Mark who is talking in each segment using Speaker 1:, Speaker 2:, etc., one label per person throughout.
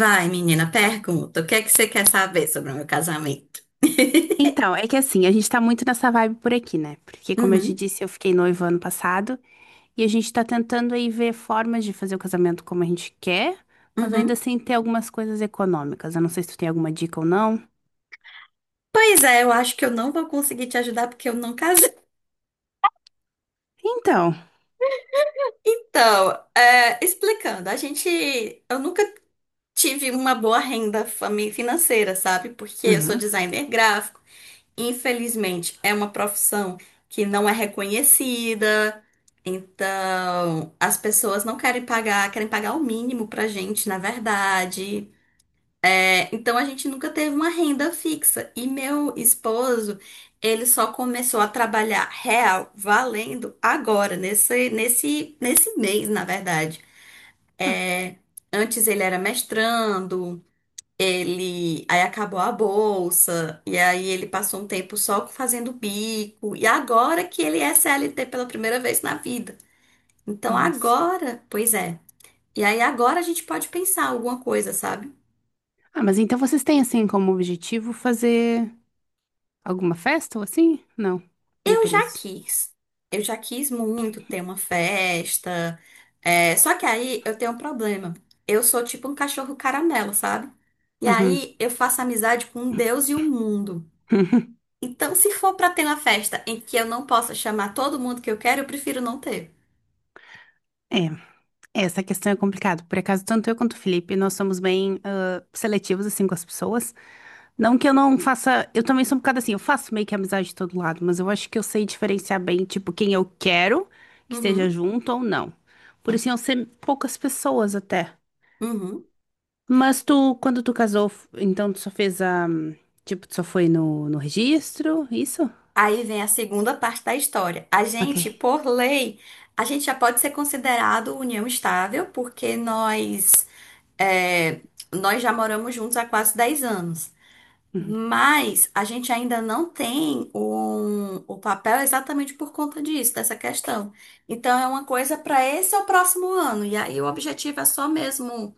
Speaker 1: Vai, menina, pergunta. O que é que você quer saber sobre o meu casamento?
Speaker 2: Então, é que assim, a gente tá muito nessa vibe por aqui, né? Porque, como eu te
Speaker 1: Uhum,
Speaker 2: disse, eu fiquei noiva ano passado e a gente tá tentando aí ver formas de fazer o casamento como a gente quer, mas ainda
Speaker 1: uhum.
Speaker 2: assim ter algumas coisas econômicas. Eu não sei se tu tem alguma dica ou não.
Speaker 1: Pois é, eu acho que eu não vou conseguir te ajudar porque eu não casei.
Speaker 2: Então,
Speaker 1: Então, explicando, a gente, eu nunca tive uma boa renda fami- financeira, sabe? Porque eu sou
Speaker 2: uhum.
Speaker 1: designer gráfico. Infelizmente, é uma profissão que não é reconhecida. Então, as pessoas não querem pagar, querem pagar o mínimo pra gente, na verdade. É, então a gente nunca teve uma renda fixa. E meu esposo, ele só começou a trabalhar real, valendo agora, nesse mês, na verdade.
Speaker 2: Hum.
Speaker 1: É, antes ele era mestrando, ele aí acabou a bolsa, e aí ele passou um tempo só fazendo bico, e agora que ele é CLT pela primeira vez na vida. Então
Speaker 2: Nossa.
Speaker 1: agora, pois é. E aí agora a gente pode pensar alguma coisa, sabe?
Speaker 2: Ah, mas então vocês têm assim como objetivo fazer alguma festa ou assim? Não, nem
Speaker 1: Eu
Speaker 2: por
Speaker 1: já
Speaker 2: isso.
Speaker 1: quis. Eu já quis muito ter uma festa. É, só que aí eu tenho um problema. Eu sou tipo um cachorro caramelo, sabe? E
Speaker 2: Uhum.
Speaker 1: aí eu faço amizade com um Deus e o mundo. Então, se for pra ter uma festa em que eu não possa chamar todo mundo que eu quero, eu prefiro não ter.
Speaker 2: É, essa questão é complicada. Por acaso, tanto eu quanto o Felipe, nós somos bem seletivos assim com as pessoas. Não que eu não faça. Eu também sou um bocado assim, eu faço meio que amizade de todo lado, mas eu acho que eu sei diferenciar bem, tipo, quem eu quero que esteja
Speaker 1: Uhum,
Speaker 2: junto ou não. Por isso iam ser poucas pessoas até.
Speaker 1: uhum.
Speaker 2: Mas tu, quando tu casou, então tu só fez a. Tipo, tu só foi no registro, isso?
Speaker 1: Aí vem a segunda parte da história. A
Speaker 2: Ok.
Speaker 1: gente, por lei, a gente já pode ser considerado união estável, porque é, nós já moramos juntos há quase 10 anos.
Speaker 2: Uhum.
Speaker 1: Mas a gente ainda não tem um- o papel exatamente por conta disso, dessa questão. Então é uma coisa para esse ou próximo ano. E aí o objetivo é só mesmo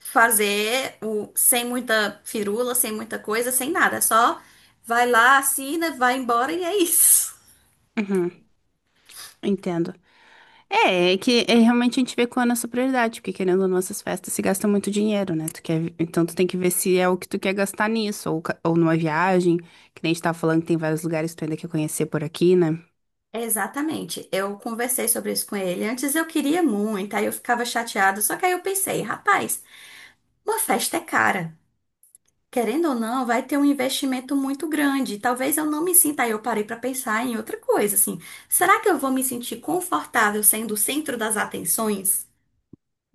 Speaker 1: fazer o, sem muita firula, sem muita coisa, sem nada. É só vai lá, assina, vai embora e é isso.
Speaker 2: Uhum, entendo. É, é que é, realmente a gente vê qual é a nossa prioridade, porque querendo ou não, essas festas se gasta muito dinheiro, né? Tu quer, então tu tem que ver se é o que tu quer gastar nisso, ou numa viagem, que nem a gente tava falando que tem vários lugares que tu ainda quer conhecer por aqui, né?
Speaker 1: Exatamente. Eu conversei sobre isso com ele. Antes eu queria muito, aí eu ficava chateada. Só que aí eu pensei, rapaz, uma festa é cara. Querendo ou não, vai ter um investimento muito grande. Talvez eu não me sinta. Aí eu parei pra pensar em outra coisa, assim. Será que eu vou me sentir confortável sendo o centro das atenções?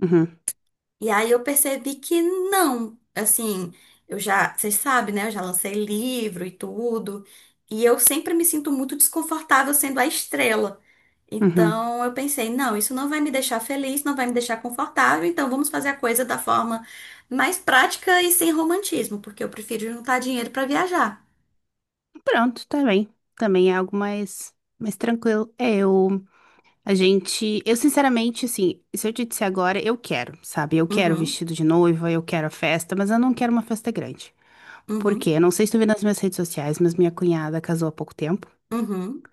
Speaker 2: Uhum,
Speaker 1: E aí eu percebi que não, assim, eu já, vocês sabem, né? Eu já lancei livro e tudo, e eu sempre me sinto muito desconfortável sendo a estrela.
Speaker 2: uhum.
Speaker 1: Então eu pensei, não, isso não vai me deixar feliz, não vai me deixar confortável, então vamos fazer a coisa da forma mais prática e sem romantismo, porque eu prefiro juntar dinheiro para viajar.
Speaker 2: Pronto, tá bem. Também é algo mais tranquilo. É, eu sinceramente, assim, se eu te disser agora, eu quero, sabe? Eu quero o
Speaker 1: Uhum,
Speaker 2: vestido de noiva, eu quero a festa, mas eu não quero uma festa grande. Por
Speaker 1: uhum,
Speaker 2: quê? Eu não sei se tu viu nas minhas redes sociais, mas minha cunhada casou há pouco tempo.
Speaker 1: uhum,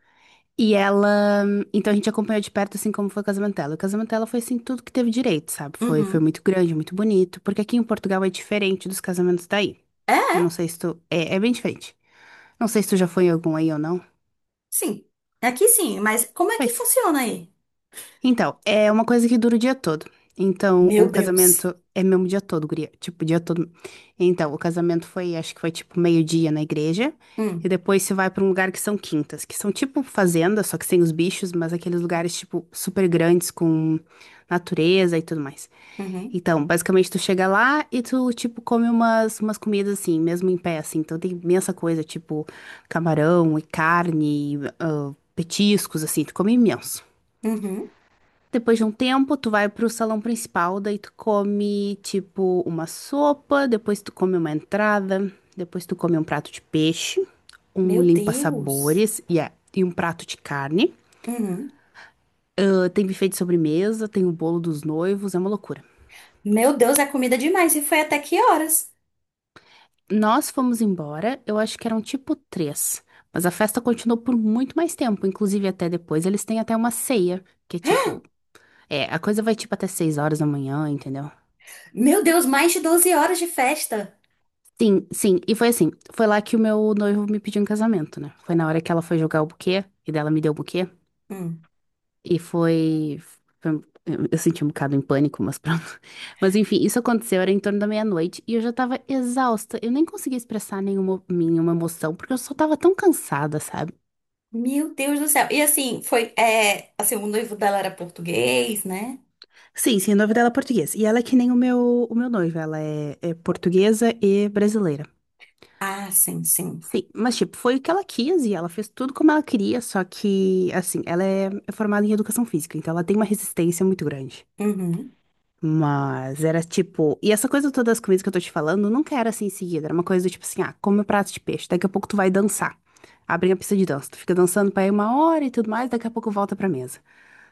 Speaker 2: E ela, então a gente acompanhou de perto, assim, como foi o casamento dela. O casamento dela foi, assim, tudo que teve direito, sabe? Foi
Speaker 1: uhum.
Speaker 2: muito grande, muito bonito, porque aqui em Portugal é diferente dos casamentos daí.
Speaker 1: É,
Speaker 2: Eu
Speaker 1: é,
Speaker 2: não sei se tu, é bem diferente. Não sei se tu já foi em algum aí ou não.
Speaker 1: sim. Aqui sim, mas como é que
Speaker 2: Pois.
Speaker 1: funciona aí?
Speaker 2: Então, é uma coisa que dura o dia todo. Então, o
Speaker 1: Meu Deus.
Speaker 2: casamento é mesmo o dia todo, guria. Tipo, o dia todo. Então, o casamento foi, acho que foi tipo meio-dia na igreja. E
Speaker 1: Hum,
Speaker 2: depois você vai pra um lugar que são quintas, que são tipo fazendas, só que sem os bichos, mas aqueles lugares, tipo, super grandes com natureza e tudo mais.
Speaker 1: uhum,
Speaker 2: Então, basicamente, tu chega lá e tu, tipo, come umas comidas assim, mesmo em pé, assim. Então, tem imensa coisa, tipo, camarão e carne, petiscos, assim, tu come imenso.
Speaker 1: uhum.
Speaker 2: Depois de um tempo, tu vai pro salão principal, daí tu come, tipo, uma sopa, depois tu come uma entrada, depois tu come um prato de peixe, um
Speaker 1: Meu Deus.
Speaker 2: limpa-sabores e um prato de carne.
Speaker 1: Uhum.
Speaker 2: Ah, tem buffet de sobremesa, tem o bolo dos noivos, é uma loucura.
Speaker 1: Meu Deus, é comida demais. E foi até que horas?
Speaker 2: Nós fomos embora, eu acho que eram tipo três, mas a festa continuou por muito mais tempo, inclusive até depois. Eles têm até uma ceia, que é tipo, a coisa vai tipo até 6 horas da manhã, entendeu?
Speaker 1: Meu Deus, mais de 12 horas de festa.
Speaker 2: Sim, sim. E foi assim, foi lá que o meu noivo me pediu em casamento, né? Foi na hora que ela foi jogar o buquê, e dela me deu o buquê,
Speaker 1: Hum.
Speaker 2: e foi... foi- Eu eu senti um bocado em pânico, mas pronto. Mas enfim, isso aconteceu, era em torno da meia-noite, e eu já tava exausta. Eu nem conseguia expressar nenhuma emoção, porque eu só tava tão cansada, sabe?
Speaker 1: Meu Deus do céu. E assim, foi. É, assim, o noivo dela era português, né?
Speaker 2: Sim, sim, o nome dela é português. E ela é que nem o meu noivo, ela é portuguesa e brasileira.
Speaker 1: Ah, sim, sim.
Speaker 2: Sim, mas tipo, foi o que ela quis e ela fez tudo como ela queria, só que, assim, ela é formada em educação física, então ela tem uma resistência muito grande.
Speaker 1: Uhum.
Speaker 2: Mas era tipo. E essa coisa toda das comidas que eu tô te falando nunca era assim em seguida. Era uma coisa do tipo assim: ah, come o prato de peixe, daqui a pouco tu vai dançar. Abre a pista de dança, tu fica dançando pra aí uma hora e tudo mais, daqui a pouco volta pra mesa.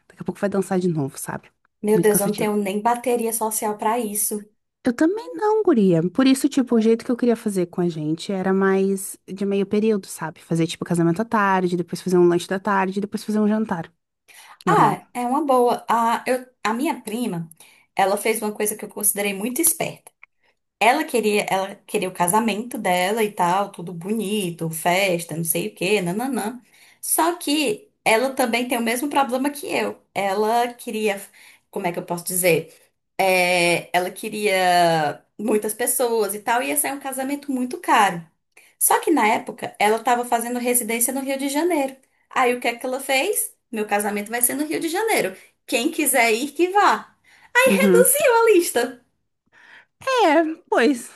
Speaker 2: Daqui a pouco vai dançar de novo, sabe?
Speaker 1: Meu
Speaker 2: Muito
Speaker 1: Deus, eu não
Speaker 2: cansativo.
Speaker 1: tenho nem bateria social pra isso.
Speaker 2: Eu também não, guria. Por isso, tipo, o jeito que eu queria fazer com a gente era mais de meio período, sabe? Fazer, tipo, casamento à tarde, depois fazer um lanche da tarde, depois fazer um jantar. Normal.
Speaker 1: Ah, é uma boa. Ah, eu, a minha prima, ela fez uma coisa que eu considerei muito esperta. Ela queria o casamento dela e tal, tudo bonito, festa, não sei o quê, nananã. Só que ela também tem o mesmo problema que eu. Ela queria, como é que eu posso dizer? É, ela queria muitas pessoas e tal, e ia sair um casamento muito caro. Só que na época ela estava fazendo residência no Rio de Janeiro. Aí o que é que ela fez? Meu casamento vai ser no Rio de Janeiro. Quem quiser ir, que vá.
Speaker 2: Uhum.
Speaker 1: Reduziu a lista.
Speaker 2: É, pois.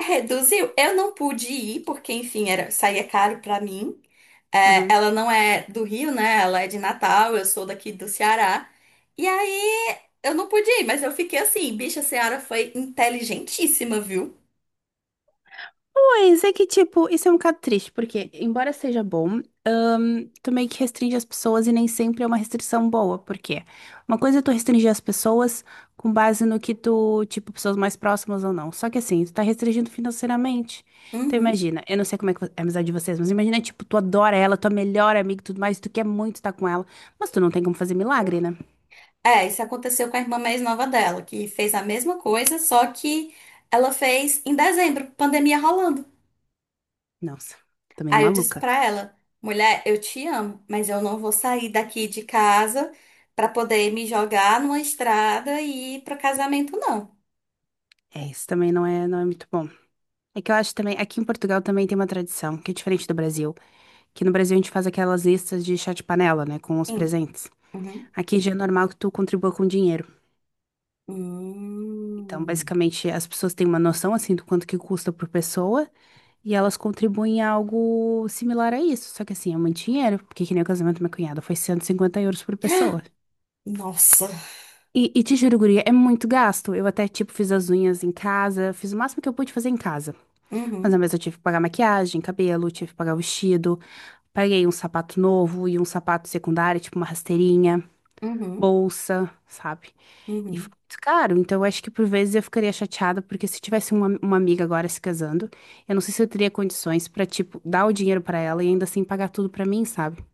Speaker 1: Reduziu. Eu não pude ir, porque, enfim, era, saía caro pra mim. É,
Speaker 2: Uhum.
Speaker 1: ela não é do Rio, né? Ela é de Natal, eu sou daqui do Ceará. E aí, eu não pude ir, mas eu fiquei assim, bicha, a Ceara foi inteligentíssima, viu?
Speaker 2: Pois é que, tipo, isso é um bocado triste, porque, embora seja bom. Tu meio que restringe as pessoas e nem sempre é uma restrição boa, porque uma coisa é tu restringir as pessoas com base no que tu, tipo, pessoas mais próximas ou não. Só que assim, tu tá restringindo financeiramente. Então
Speaker 1: Uhum.
Speaker 2: imagina, eu não sei como é que é a amizade de vocês, mas imagina, tipo, tu adora ela, tua melhor amiga e tudo mais, tu quer muito estar com ela, mas tu não tem como fazer milagre, né?
Speaker 1: É, isso aconteceu com a irmã mais nova dela, que fez a mesma coisa, só que ela fez em dezembro, pandemia rolando.
Speaker 2: Nossa, também é
Speaker 1: Aí eu disse
Speaker 2: maluca.
Speaker 1: pra ela, mulher, eu te amo, mas eu não vou sair daqui de casa pra poder me jogar numa estrada e ir pro casamento, não.
Speaker 2: É, isso também não é muito bom. É que eu acho também, aqui em Portugal também tem uma tradição, que é diferente do Brasil, que no Brasil a gente faz aquelas listas de chá de panela, né, com os
Speaker 1: Hum,
Speaker 2: presentes.
Speaker 1: uhum,
Speaker 2: Aqui já é normal que tu contribua com dinheiro. Então,
Speaker 1: hum.
Speaker 2: basicamente, as pessoas têm uma noção assim do quanto que custa por pessoa e elas contribuem a algo similar a isso. Só que assim, é muito dinheiro, porque que nem o casamento da minha cunhada foi 150 euros por pessoa.
Speaker 1: Nossa.
Speaker 2: E te juro, guria, é muito gasto. Eu até, tipo, fiz as unhas em casa, fiz o máximo que eu pude fazer em casa. Mas, na
Speaker 1: Uhum,
Speaker 2: mesma, eu tive que pagar maquiagem, cabelo, tive que pagar vestido, paguei um sapato novo e um sapato secundário, tipo uma rasteirinha.
Speaker 1: uhum,
Speaker 2: Bolsa, sabe? E
Speaker 1: uhum.
Speaker 2: foi muito caro. Então, eu acho que por vezes eu ficaria chateada, porque se tivesse uma amiga agora se casando, eu não sei se eu teria condições pra, tipo, dar o dinheiro pra ela e ainda assim pagar tudo pra mim, sabe?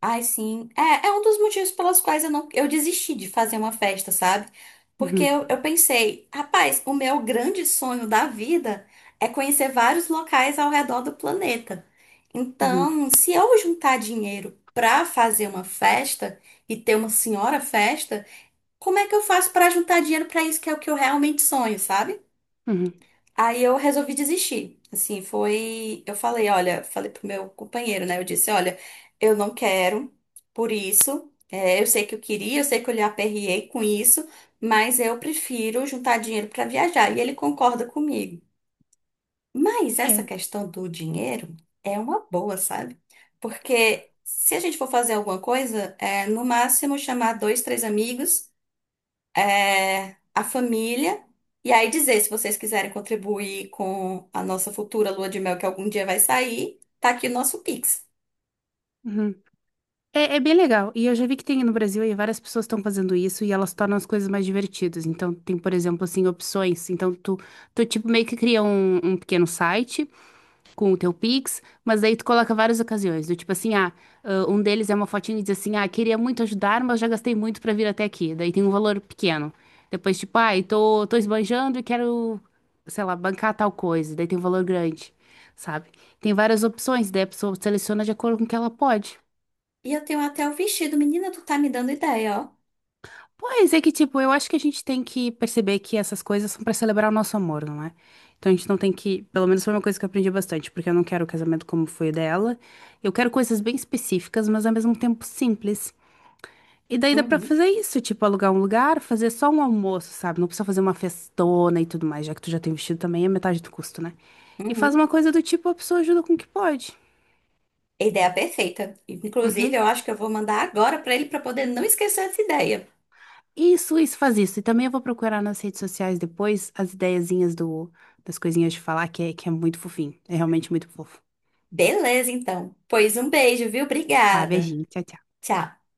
Speaker 1: Ai, sim. É, é um dos motivos pelos quais eu não, eu desisti de fazer uma festa, sabe? Porque
Speaker 2: Uhum,
Speaker 1: eu pensei, rapaz, o meu grande sonho da vida é conhecer vários locais ao redor do planeta.
Speaker 2: uhum,
Speaker 1: Então, se eu juntar dinheiro pra fazer uma festa e ter uma senhora festa, como é que eu faço pra juntar dinheiro pra isso que é o que eu realmente sonho, sabe?
Speaker 2: uhum.
Speaker 1: Aí eu resolvi desistir. Assim, foi. Eu falei, olha, falei pro meu companheiro, né? Eu disse, olha, eu não quero, por isso. É, eu sei que eu queria, eu sei que eu lhe aperriei com isso, mas eu prefiro juntar dinheiro para viajar. E ele concorda comigo. Mas essa
Speaker 2: É,
Speaker 1: questão do dinheiro é uma boa, sabe? Porque se a gente for fazer alguma coisa, é no máximo chamar dois, três amigos é, a família, e aí dizer se vocês quiserem contribuir com a nossa futura lua de mel que algum dia vai sair, tá aqui o nosso Pix.
Speaker 2: uhum. É, é bem legal. E eu já vi que tem no Brasil aí várias pessoas estão fazendo isso e elas tornam as coisas mais divertidas. Então, tem, por exemplo, assim, opções. Então, tu, tipo, meio que cria um pequeno site com o teu Pix, mas daí tu coloca várias ocasiões, do tipo assim, um deles é uma fotinha e diz assim, ah, queria muito ajudar, mas já gastei muito pra vir até aqui. Daí tem um valor pequeno. Depois, tipo, tô esbanjando e quero, sei lá, bancar tal coisa. Daí tem um valor grande, sabe? Tem várias opções, daí a pessoa seleciona de acordo com o que ela pode.
Speaker 1: E eu tenho até o vestido, menina, tu tá me dando ideia, ó.
Speaker 2: Pois é que, tipo, eu acho que a gente tem que perceber que essas coisas são pra celebrar o nosso amor, não é? Então a gente não tem que. Pelo menos foi uma coisa que eu aprendi bastante, porque eu não quero o casamento como foi o dela. Eu quero coisas bem específicas, mas ao mesmo tempo simples. E daí dá pra
Speaker 1: Uhum,
Speaker 2: fazer isso, tipo, alugar um lugar, fazer só um almoço, sabe? Não precisa fazer uma festona e tudo mais, já que tu já tem vestido também, é metade do custo, né? E faz
Speaker 1: uhum.
Speaker 2: uma coisa do tipo, a pessoa ajuda com o que pode.
Speaker 1: Ideia perfeita. Inclusive,
Speaker 2: Uhum.
Speaker 1: eu acho que eu vou mandar agora pra ele pra poder não esquecer essa ideia.
Speaker 2: Isso, faz isso. E também eu vou procurar nas redes sociais depois as ideiazinhas das coisinhas de falar, que é muito fofinho. É realmente muito fofo.
Speaker 1: Beleza, então. Pois um beijo, viu?
Speaker 2: Tá,
Speaker 1: Obrigada.
Speaker 2: beijinho. Tchau, tchau.
Speaker 1: Tchau.